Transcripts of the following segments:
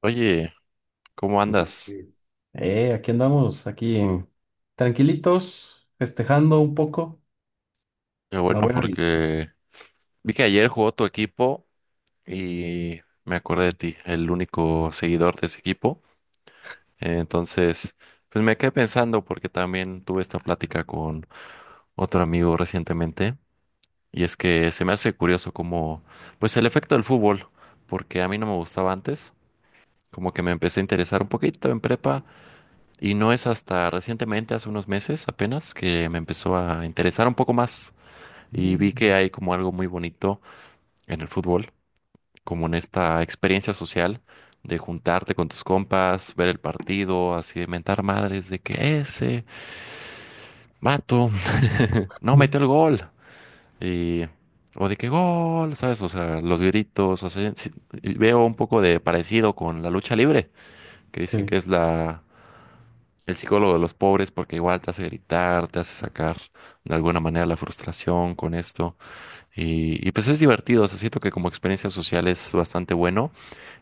Oye, ¿cómo andas? Aquí andamos, aquí tranquilitos, festejando un poco Qué la bueno, buena vida. porque vi que ayer jugó tu equipo y me acordé de ti, el único seguidor de ese equipo. Entonces, pues me quedé pensando porque también tuve esta plática con otro amigo recientemente y es que se me hace curioso como, pues el efecto del fútbol, porque a mí no me gustaba antes, como que me empecé a interesar un poquito en prepa y no es hasta recientemente, hace unos meses apenas, que me empezó a interesar un poco más. Y vi que Mm. hay como algo muy bonito en el fútbol, como en esta experiencia social de juntarte con tus compas, ver el partido, así de mentar madres de que ese vato no metió el gol. Y, o de que gol, ¿sabes? O sea, los gritos, o sea, sí, y veo un poco de parecido con la lucha libre, que dicen que Sí. es la, el psicólogo de los pobres porque igual te hace gritar, te hace sacar de alguna manera la frustración con esto. Y pues es divertido, o sea, siento que como experiencia social es bastante bueno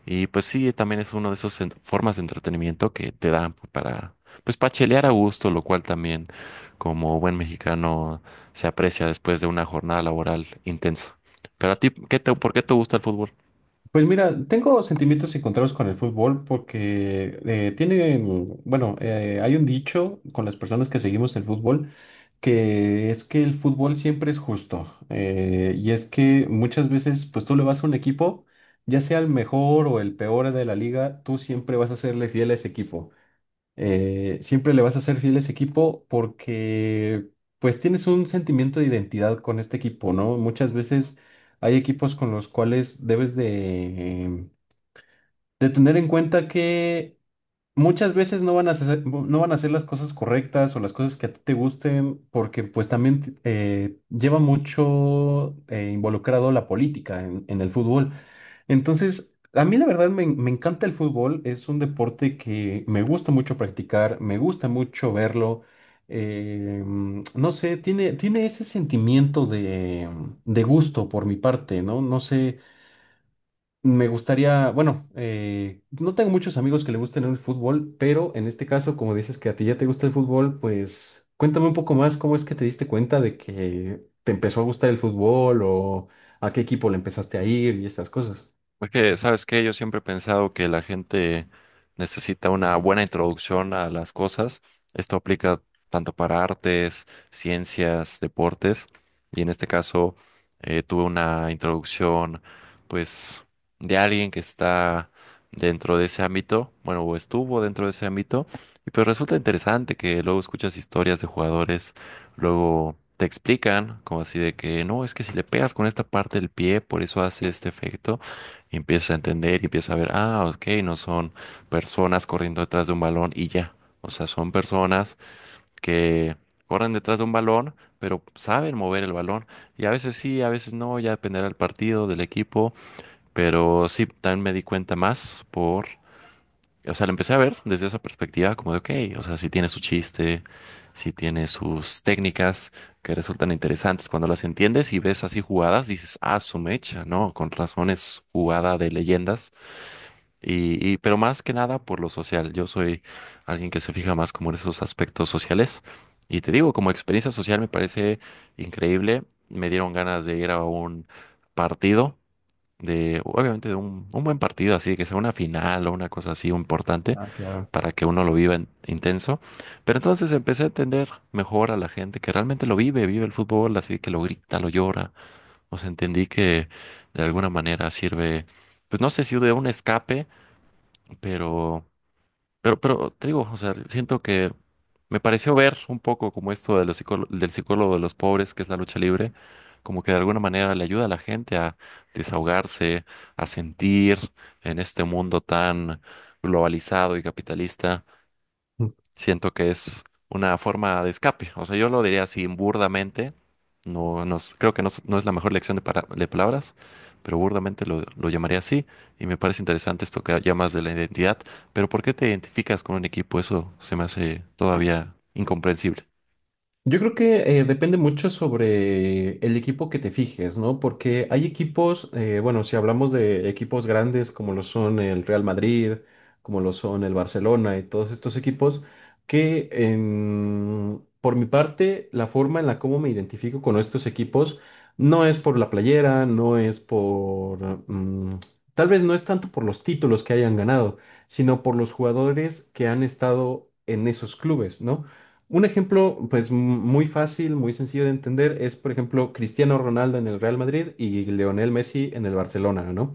y pues sí, también es una de esas formas de entretenimiento que te dan para, pues para chelear a gusto, lo cual también como buen mexicano se aprecia después de una jornada laboral intensa. Pero a ti, ¿qué te, por qué te gusta el fútbol? Pues mira, tengo sentimientos encontrados con el fútbol porque hay un dicho con las personas que seguimos el fútbol que es que el fútbol siempre es justo. Y es que muchas veces, pues tú le vas a un equipo, ya sea el mejor o el peor de la liga, tú siempre vas a serle fiel a ese equipo. Siempre le vas a ser fiel a ese equipo porque pues tienes un sentimiento de identidad con este equipo, ¿no? Muchas veces hay equipos con los cuales debes de tener en cuenta que muchas veces no van a hacer las cosas correctas o las cosas que a ti te gusten porque pues también lleva mucho involucrado la política en el fútbol. Entonces, a mí la verdad me encanta el fútbol, es un deporte que me gusta mucho practicar, me gusta mucho verlo, no sé, tiene ese sentimiento de gusto por mi parte, ¿no? No sé, me gustaría, no tengo muchos amigos que le gusten el fútbol, pero en este caso, como dices que a ti ya te gusta el fútbol, pues cuéntame un poco más cómo es que te diste cuenta de que te empezó a gustar el fútbol o a qué equipo le empezaste a ir y esas cosas. Porque, ¿sabes qué? Yo siempre he pensado que la gente necesita una buena introducción a las cosas. Esto aplica tanto para artes, ciencias, deportes. Y en este caso, tuve una introducción, pues, de alguien que está dentro de ese ámbito, bueno, o estuvo dentro de ese ámbito. Y pues resulta interesante que luego escuchas historias de jugadores, luego te explican, como así de que, no, es que si le pegas con esta parte del pie, por eso hace este efecto. Y empiezas a entender y empiezas a ver, ah, ok, no son personas corriendo detrás de un balón y ya. O sea, son personas que corren detrás de un balón, pero saben mover el balón. Y a veces sí, a veces no, ya dependerá del partido, del equipo. Pero sí, también me di cuenta más por, o sea, lo empecé a ver desde esa perspectiva como de, ok, o sea, si tiene su chiste, si tiene sus técnicas que resultan interesantes cuando las entiendes y ves así jugadas, dices, ah, su mecha, ¿no? Con razones jugada de leyendas y pero más que nada por lo social. Yo soy alguien que se fija más como en esos aspectos sociales. Y te digo, como experiencia social me parece increíble. Me dieron ganas de ir a un partido, de, obviamente de un buen partido, así que sea una final o una cosa así importante Ah, claro. para que uno lo viva intenso. Pero entonces empecé a entender mejor a la gente que realmente lo vive, vive el fútbol, así que lo grita, lo llora. O sea, entendí que de alguna manera sirve, pues no sé si de un escape pero, pero te digo, o sea, siento que me pareció ver un poco como esto de los del psicólogo de los pobres, que es la lucha libre, como que de alguna manera le ayuda a la gente a desahogarse, a sentir en este mundo tan globalizado y capitalista. Siento que es una forma de escape. O sea, yo lo diría así burdamente. Creo que no, es no es la mejor lección de, de palabras, pero burdamente lo llamaría así. Y me parece interesante esto que llamas de la identidad. Pero ¿por qué te identificas con un equipo? Eso se me hace todavía incomprensible. Yo creo que depende mucho sobre el equipo que te fijes, ¿no? Porque hay equipos, si hablamos de equipos grandes como lo son el Real Madrid, como lo son el Barcelona y todos estos equipos, que por mi parte, la forma en la cómo me identifico con estos equipos no es por la playera, no es por, mm, tal vez no es tanto por los títulos que hayan ganado, sino por los jugadores que han estado en esos clubes, ¿no? Un ejemplo, pues muy fácil, muy sencillo de entender, es por ejemplo Cristiano Ronaldo en el Real Madrid y Lionel Messi en el Barcelona, ¿no?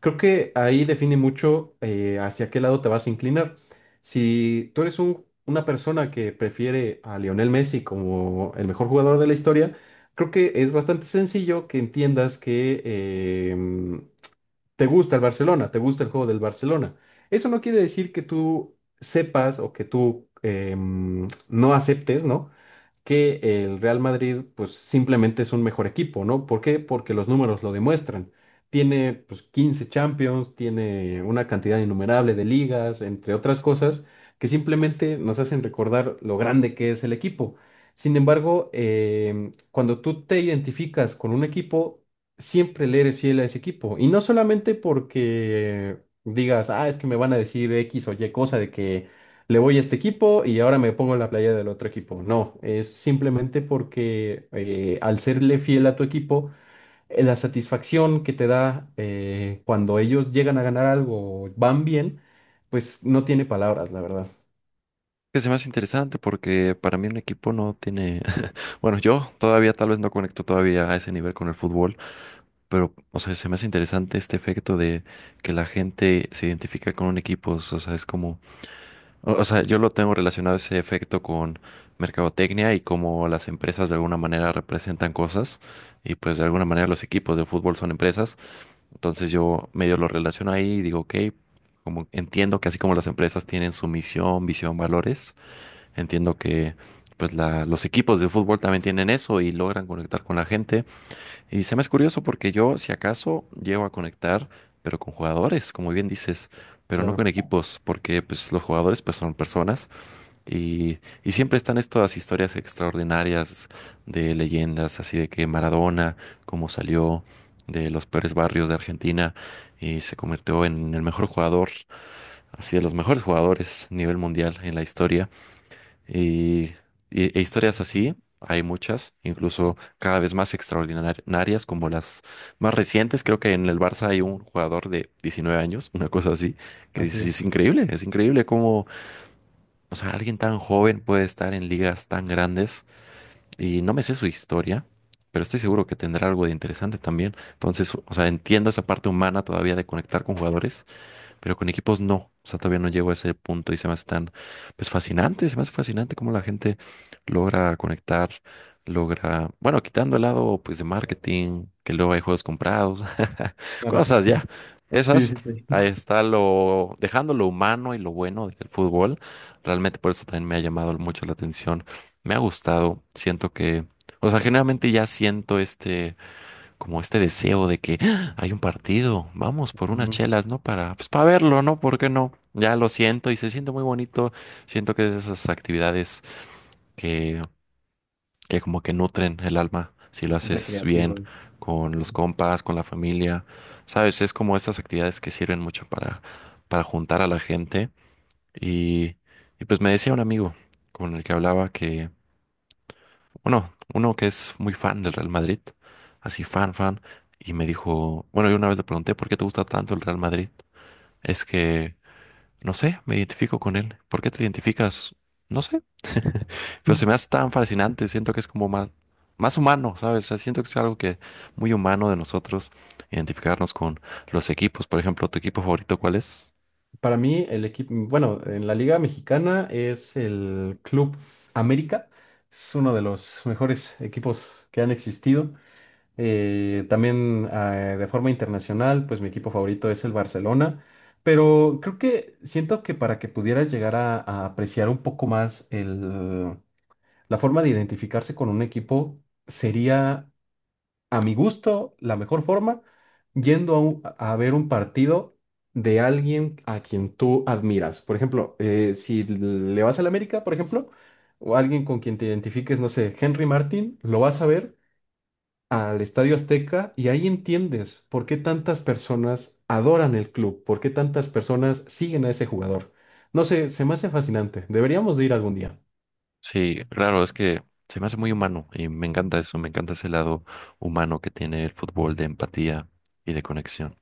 Creo que ahí define mucho hacia qué lado te vas a inclinar. Si tú eres una persona que prefiere a Lionel Messi como el mejor jugador de la historia, creo que es bastante sencillo que entiendas que te gusta el Barcelona, te gusta el juego del Barcelona. Eso no quiere decir que tú sepas o que tú no aceptes, ¿no? Que el Real Madrid pues simplemente es un mejor equipo, ¿no? ¿Por qué? Porque los números lo demuestran. Tiene pues 15 Champions, tiene una cantidad innumerable de ligas, entre otras cosas, que simplemente nos hacen recordar lo grande que es el equipo. Sin embargo, cuando tú te identificas con un equipo, siempre le eres fiel a ese equipo. Y no solamente porque digas, ah, es que me van a decir X o Y cosa de que le voy a este equipo y ahora me pongo en la playa del otro equipo. No, es simplemente porque al serle fiel a tu equipo, la satisfacción que te da cuando ellos llegan a ganar algo, o van bien, pues no tiene palabras, la verdad. Que se me hace interesante porque para mí un equipo no tiene… Bueno, yo todavía tal vez no conecto todavía a ese nivel con el fútbol, pero, o sea, se me hace interesante este efecto de que la gente se identifica con un equipo. O sea, es como O o sea, yo lo tengo relacionado ese efecto con mercadotecnia y cómo las empresas de alguna manera representan cosas y pues de alguna manera los equipos de fútbol son empresas. Entonces yo medio lo relaciono ahí y digo, ok, como entiendo que así como las empresas tienen su misión, visión, valores, entiendo que pues los equipos de fútbol también tienen eso y logran conectar con la gente. Y se me es curioso porque yo si acaso llego a conectar, pero con jugadores, como bien dices, pero no Claro, con equipos, porque pues los jugadores pues son personas y siempre están estas historias extraordinarias de leyendas, así de que Maradona, cómo salió de los peores barrios de Argentina y se convirtió en el mejor jugador, así de los mejores jugadores a nivel mundial en la historia. Y, y e historias así, hay muchas, incluso cada vez más extraordinarias, como las más recientes. Creo que en el Barça hay un jugador de 19 años, una cosa así, que así dices, es, es increíble, es increíble, o sea, alguien tan joven puede estar en ligas tan grandes y no me sé su historia, pero estoy seguro que tendrá algo de interesante también. Entonces, o sea, entiendo esa parte humana todavía de conectar con jugadores, pero con equipos no. O sea, todavía no llego a ese punto y se me hace tan, pues fascinante, se me hace fascinante cómo la gente logra conectar, logra, bueno, quitando el lado, pues, de marketing, que luego hay juegos comprados, claro. Cosas ya, Sí, esas. sí, sí. Ahí está lo, dejando lo humano y lo bueno del fútbol. Realmente por eso también me ha llamado mucho la atención. Me ha gustado. Siento que, o sea, generalmente ya siento este, como este deseo de que "Ah, hay un partido, vamos por unas Ujú. chelas, ¿no? Para, pues para verlo, ¿no? ¿Por qué no? Ya lo siento y se siente muy bonito. Siento que es de esas actividades que que como que nutren el alma si lo haces bien Recreativo. con Sí. los compas, con la familia, ¿sabes? Es como estas actividades que sirven mucho para juntar a la gente. Y, y pues me decía un amigo con el que hablaba que, bueno, uno que es muy fan del Real Madrid, así fan, fan, y me dijo, bueno, yo una vez le pregunté, ¿por qué te gusta tanto el Real Madrid? Es que no sé, me identifico con él. ¿Por qué te identificas? No sé. Pero se me hace tan fascinante. Siento que es como más, más humano, ¿sabes? O sea, siento que es algo que muy humano de nosotros identificarnos con los equipos. Por ejemplo, ¿tu equipo favorito cuál es? Para mí, el equipo, bueno, en la Liga Mexicana es el Club América, es uno de los mejores equipos que han existido. También de forma internacional, pues mi equipo favorito es el Barcelona, pero creo que siento que para que pudieras llegar a apreciar un poco más la forma de identificarse con un equipo sería, a mi gusto, la mejor forma yendo a ver un partido de alguien a quien tú admiras. Por ejemplo, si le vas al América, por ejemplo, o alguien con quien te identifiques, no sé, Henry Martin, lo vas a ver al Estadio Azteca y ahí entiendes por qué tantas personas adoran el club, por qué tantas personas siguen a ese jugador. No sé, se me hace fascinante. Deberíamos de ir algún día. Sí, claro, es que se me hace muy humano y me encanta eso. Me encanta ese lado humano que tiene el fútbol de empatía y de conexión.